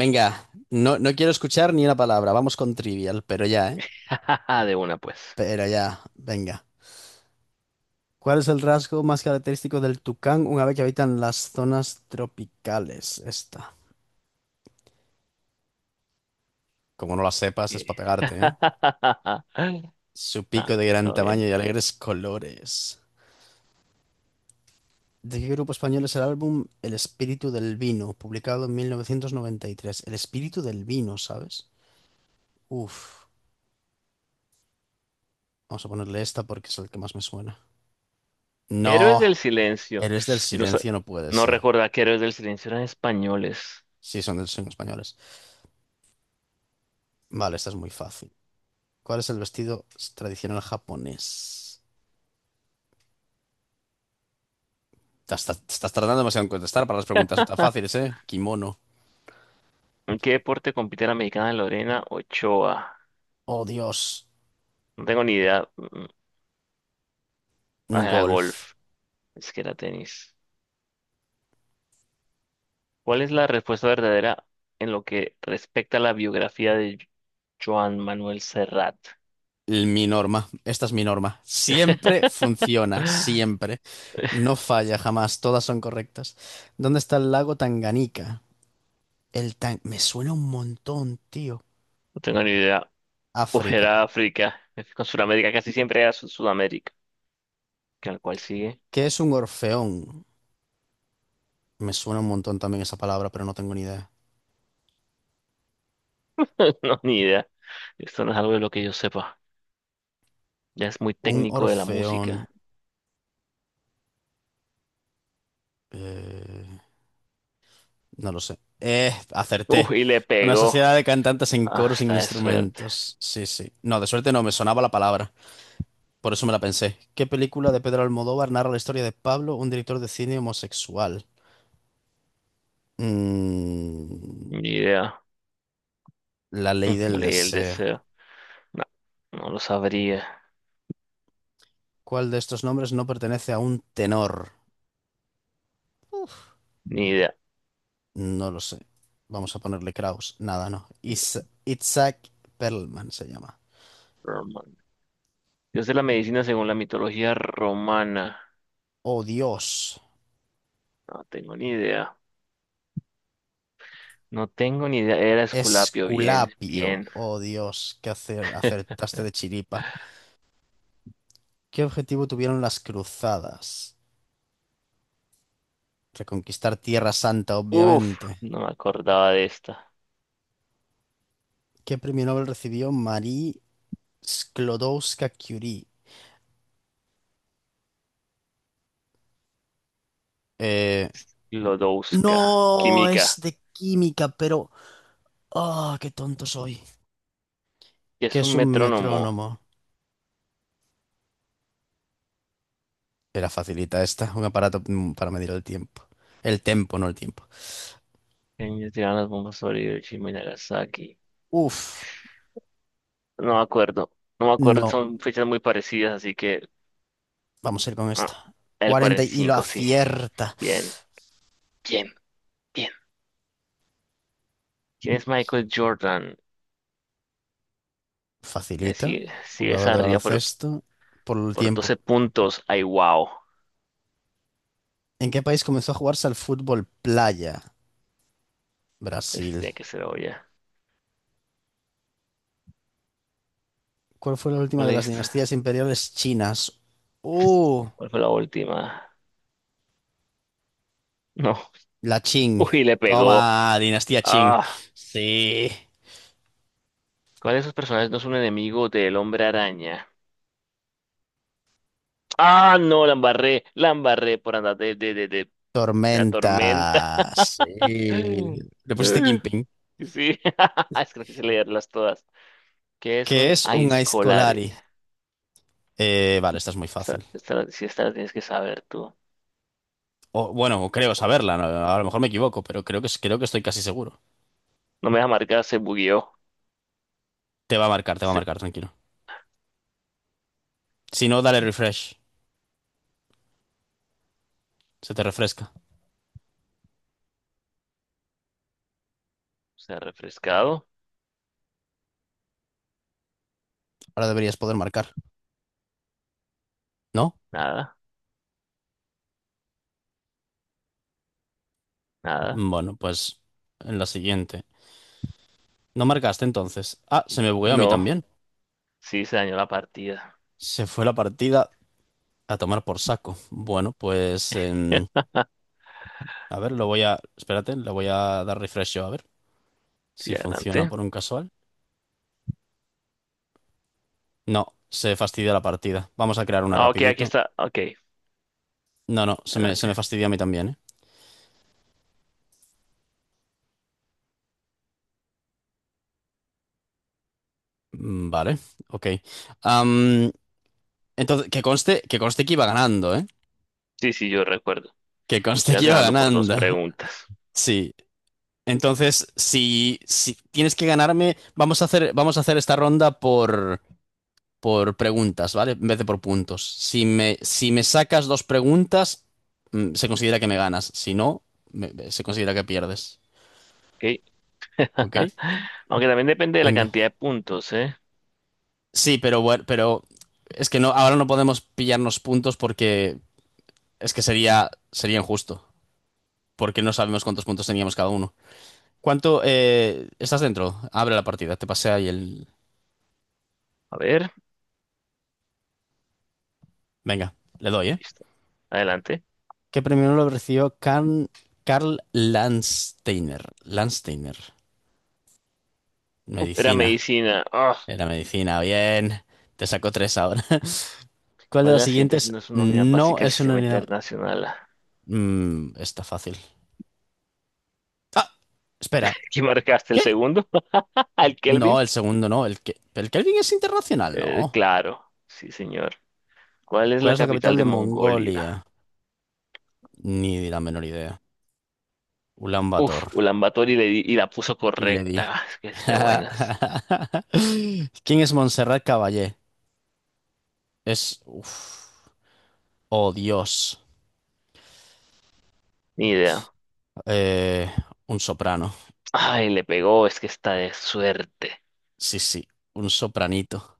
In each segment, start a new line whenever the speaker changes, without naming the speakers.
Venga, no, no quiero escuchar ni una palabra. Vamos con trivial, pero ya, ¿eh?
De una, pues.
Pero ya, venga. ¿Cuál es el rasgo más característico del tucán, una vez que habita en las zonas tropicales? Esta. Como no la sepas, es
Que-
para pegarte, ¿eh? Su
No,
pico de gran
todo
tamaño
bien.
y alegres colores. ¿De qué grupo español es el álbum El espíritu del vino, publicado en 1993? El espíritu del vino, ¿sabes? Uf. Vamos a ponerle esta porque es el que más me suena.
Héroes del
No,
Silencio.
eres del
Y no, sa-
silencio no puede
no
ser.
recordaba que Héroes del Silencio eran españoles.
Sí, son españoles. Vale, esta es muy fácil. ¿Cuál es el vestido tradicional japonés? Te estás tardando demasiado en contestar para las preguntas tan fáciles, ¿eh? Kimono.
¿En qué deporte compite la mexicana Lorena Ochoa?
Oh, Dios.
No tengo ni idea. Ah, golf.
Golf.
Es que era tenis. ¿Cuál es la respuesta verdadera en lo que respecta a la biografía de Joan Manuel Serrat?
Mi norma. Esta es mi norma. Siempre funciona, siempre. No falla jamás, todas son correctas. ¿Dónde está el lago Tanganica? El tan... Me suena un montón, tío.
No tengo ni idea. Uf,
África.
era África. Con Sudamérica casi siempre era Sudamérica. Que al cual sigue.
¿Qué es un orfeón? Me suena un montón también esa palabra, pero no tengo ni idea.
No, ni idea. Esto no es algo de lo que yo sepa. Ya es muy
Un
técnico de la
orfeón.
música.
Eh, no lo sé.
Uf,
Acerté.
y le
Una
pegó.
sociedad de cantantes en
Ah,
coro sin
está de suerte.
instrumentos. Sí, sí. No, de suerte no, me sonaba la palabra. Por eso me la pensé. ¿Qué película de Pedro Almodóvar narra la historia de Pablo, un director de cine homosexual? Mm,
Ni idea.
La ley
No
del
leí el
deseo.
deseo. No, no lo sabría.
¿Cuál de estos nombres no pertenece a un tenor?
Ni idea.
No lo sé. Vamos a ponerle Kraus. Nada, no. Isaac Perlman se llama.
Romano. Dios de la medicina según la mitología romana.
Oh, Dios.
No tengo ni idea. No tengo ni idea. Era Esculapio. Bien,
Esculapio.
bien.
Oh Dios, que acertaste de chiripa. ¿Qué objetivo tuvieron las cruzadas? Reconquistar Tierra Santa,
Uf,
obviamente.
no me acordaba de esta.
¿Qué premio Nobel recibió Marie Sklodowska-Curie? Eh,
Lodowska.
no,
Química.
es de química, pero... ¡Ah, qué tonto soy!
Que
¿Qué
es
es
un
un
metrónomo.
metrónomo? Era facilita esta, un aparato para medir el tiempo. El tempo, no el tiempo.
Ellos tiraron las bombas sobre Hiroshima y Nagasaki.
Uf,
No me acuerdo. No me acuerdo,
no,
son fechas muy parecidas, así que
vamos a ir con
ah,
esta.
el
40 y lo
45, sí.
acierta.
Bien, bien, bien. ¿Quién es Michael Jordan?
Facilita,
Sigue, sigue
jugador
esa
de
arriba
baloncesto, por el
por
tiempo.
12 puntos. Ay, wow.
¿En qué país comenzó a jugarse al fútbol playa?
Ese
Brasil.
tiene que ser obvia.
¿Cuál fue la
¿Cuál fue
última de
la,
las
hist-
dinastías imperiales chinas? Uh,
¿Cuál fue la última? No.
la Qing.
Uy, le pegó.
Toma, dinastía Qing.
Ah.
Sí.
¿Cuál de esos personajes no es un enemigo del Hombre Araña? Ah, no, la embarré por andar de la tormenta.
Tormenta. Sí. Le pusiste Kingpin.
Sí, es que no quise leerlas todas. ¿Qué es
¿Qué
un
es un
aizcolare?
Aizkolari? Vale, esta es muy fácil.
Sí, esta la tienes que saber tú.
O, bueno, creo
Bueno,
saberla, ¿no? A lo mejor me equivoco, pero creo que estoy casi seguro.
no me deja marcar, se bugueó.
Te va a marcar, te va a
Se,
marcar, tranquilo. Si no, dale refresh. Se te refresca.
Se ha refrescado.
Ahora deberías poder marcar. ¿No?
Nada, nada.
Bueno, pues en la siguiente. No marcaste entonces. Ah, se me bugueó a mí
No,
también.
sí, se dañó la partida.
Se fue la partida a tomar por saco. Bueno, pues... a ver, lo voy a... Espérate, le voy a dar refresh yo a ver
Sí,
si funciona
adelante.
por un casual. No, se fastidia la partida. Vamos a crear una
Ah, ok, aquí
rapidito.
está. Ok,
No, no, se me, se
adelante.
me fastidia a mí también, ¿eh? Vale, ok. Am, entonces, que conste, que conste que iba ganando, ¿eh?
Sí, sí, yo recuerdo.
Que conste
Ibas
que iba
ganando por dos
ganando.
preguntas.
Sí. Entonces, si tienes que ganarme, vamos a hacer esta ronda por preguntas, ¿vale? En vez de por puntos. Si me sacas dos preguntas, se considera que me ganas. Si no, se considera que pierdes.
Ok.
¿Ok?
Aunque también depende de la
Venga.
cantidad de puntos, ¿eh?
Sí, pero bueno, pero es que no, ahora no podemos pillarnos puntos porque es que sería, sería injusto. Porque no sabemos cuántos puntos teníamos cada uno. ¿Cuánto, estás dentro? Abre la partida, te pasé ahí el.
A ver,
Venga, le doy, ¿eh?
listo. Adelante.
¿Qué premio lo recibió Karl Landsteiner? Landsteiner.
Uf, era
Medicina.
medicina. Ah,
Era medicina. Bien. Te sacó tres ahora. ¿Cuál de
¿cuál de
las
las siguientes
siguientes
no es una unidad
no
básica del
es una
sistema
unidad?
internacional?
Está fácil. Ah, espera.
¿Aquí marcaste el
¿Qué?
segundo? ¿Al Kelvin?
No, el segundo no. El, que, el Kelvin es internacional, no.
Claro, sí, señor. ¿Cuál es
¿Cuál
la
es la
capital
capital
de
de
Mongolia?
Mongolia? Ni la menor idea.
Uf,
Ulaanbaatar.
Ulaanbaatar y, y la puso
Y le di.
correcta. Es que es de buenas.
¿Quién es Montserrat Caballé? Es... uf. Oh, Dios.
Ni idea.
Eh, un soprano.
Ay, le pegó, es que está de suerte.
Sí, sí, un sopranito.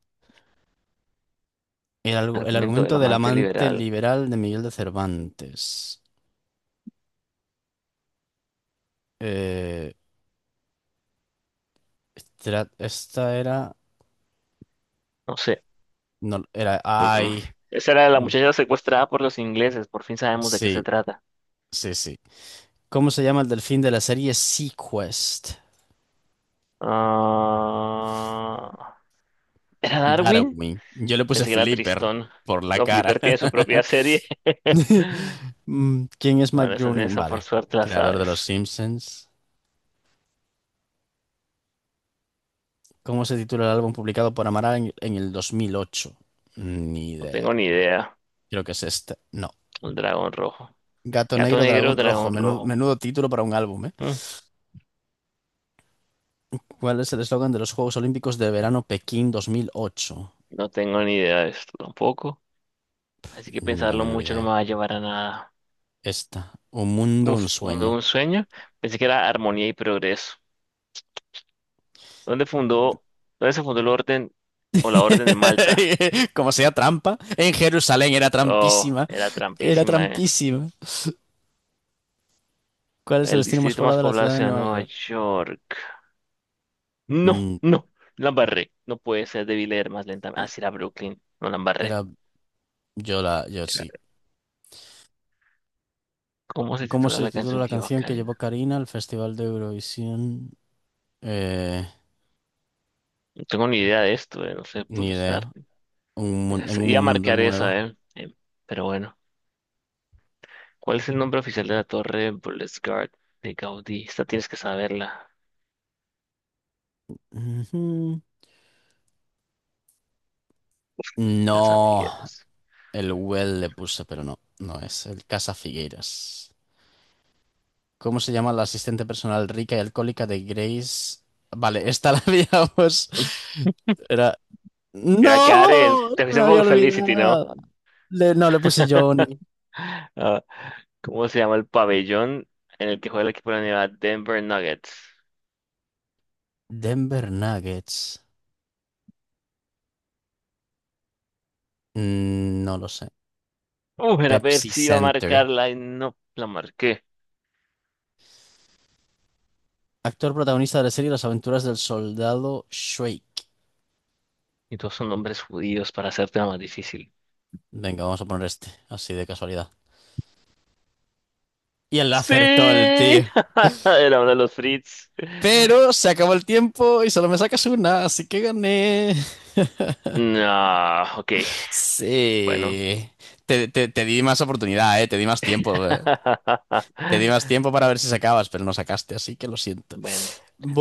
El, el
Argumento del
argumento del
amante
amante
liberal.
liberal de Miguel de Cervantes. Eh, esta, era...
No sé.
No, era...
Uh-uh.
Ay.
Esa era la
mm,
muchacha secuestrada por los ingleses, por fin sabemos de qué se
Sí,
trata.
sí, sí. ¿Cómo se llama el delfín de la serie Sequest?
Ah, ¿era Darwin?
Darwin. Yo le puse
Pensé que era
Flipper
Tristón.
por la
No,
cara.
Flipper tiene su propia serie.
¿Quién es Mike
Bueno, esa,
Groening?
esa por
Vale.
suerte la
Creador de
sabes.
Los Simpsons. ¿Cómo se titula el álbum publicado por Amaral en el 2008? Ni
No
idea.
tengo ni idea.
Creo que es este. No.
Un dragón rojo.
Gato
Gato
negro,
negro,
dragón rojo.
dragón rojo.
Menudo, título para un álbum, ¿eh?
Mm,
¿Cuál es el eslogan de los Juegos Olímpicos de Verano Pekín 2008?
No tengo ni idea de esto tampoco. Así que
Ni la
pensarlo
menor
mucho no
idea.
me va a llevar a nada.
Esta. Un mundo,
Uf,
un sueño.
un sueño. Pensé que era armonía y progreso. ¿Dónde fundó, ¿Dónde se fundó el orden o la Orden de Malta?
Como sea trampa. En Jerusalén era
Oh,
trampísima.
era
Era
trampísima, ¿eh?
trampísima. ¿Cuál es el
El
destino más
distrito más
poblado de la
poblado
ciudad de
sea
Nueva
Nueva
York?
York. No,
Mm,
no, la embarré. No puede ser, debí leer más lentamente. Ah, sí, era Brooklyn, no la embarré.
era yo la, yo sí.
Era- ¿Cómo se
¿Cómo
titula
se
la
titula
canción
la
que lleva
canción que llevó
Karina?
Karina al Festival de Eurovisión? Eh,
No tengo ni idea de esto, no sé
ni
pulsar.
idea. En
Iba
un
a
mundo
marcar
nuevo.
esa, ¿eh? Pero bueno. ¿Cuál es el nombre oficial de la torre Burles Gard de Gaudí? Esta tienes que saberla.
Ujú.
Casa
No,
Figueres.
el Well le puse, pero no, no es el Casa Figueiras. ¿Cómo se llama la asistente personal rica y alcohólica de Grace? Vale, esta la habíamos. Era.
Era quedar en,
¡No!
te
Se me
fuiste
había
por Felicity, ¿no?
olvidado. No, le puse Johnny.
Ah, ¿cómo se llama el pabellón en el que juega el equipo de la Universidad Denver Nuggets?
Denver Nuggets. No lo sé.
Era
Pepsi
Pepsi, iba a
Center.
marcarla y no la marqué.
Actor protagonista de la serie Las aventuras del soldado Shake.
Y todos son nombres judíos para hacerte más difícil.
Venga, vamos a poner este, así de casualidad. Y él la
¡Sí!
acertó el tío.
Era uno de los Fritz.
Pero se acabó el tiempo y solo me sacas una, así que gané.
No, ok, bueno.
Sí. Te di más oportunidad, eh. Te di más tiempo. Eh. Te di más tiempo para ver si sacabas, pero no sacaste, así que lo siento.
Bueno,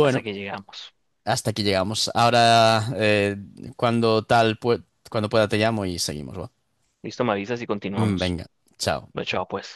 hasta que llegamos.
hasta aquí llegamos. Ahora, cuando tal, cuando pueda te llamo y seguimos, ¿va?
Listo, me avisas y continuamos.
Venga, chao.
Lo chao, pues.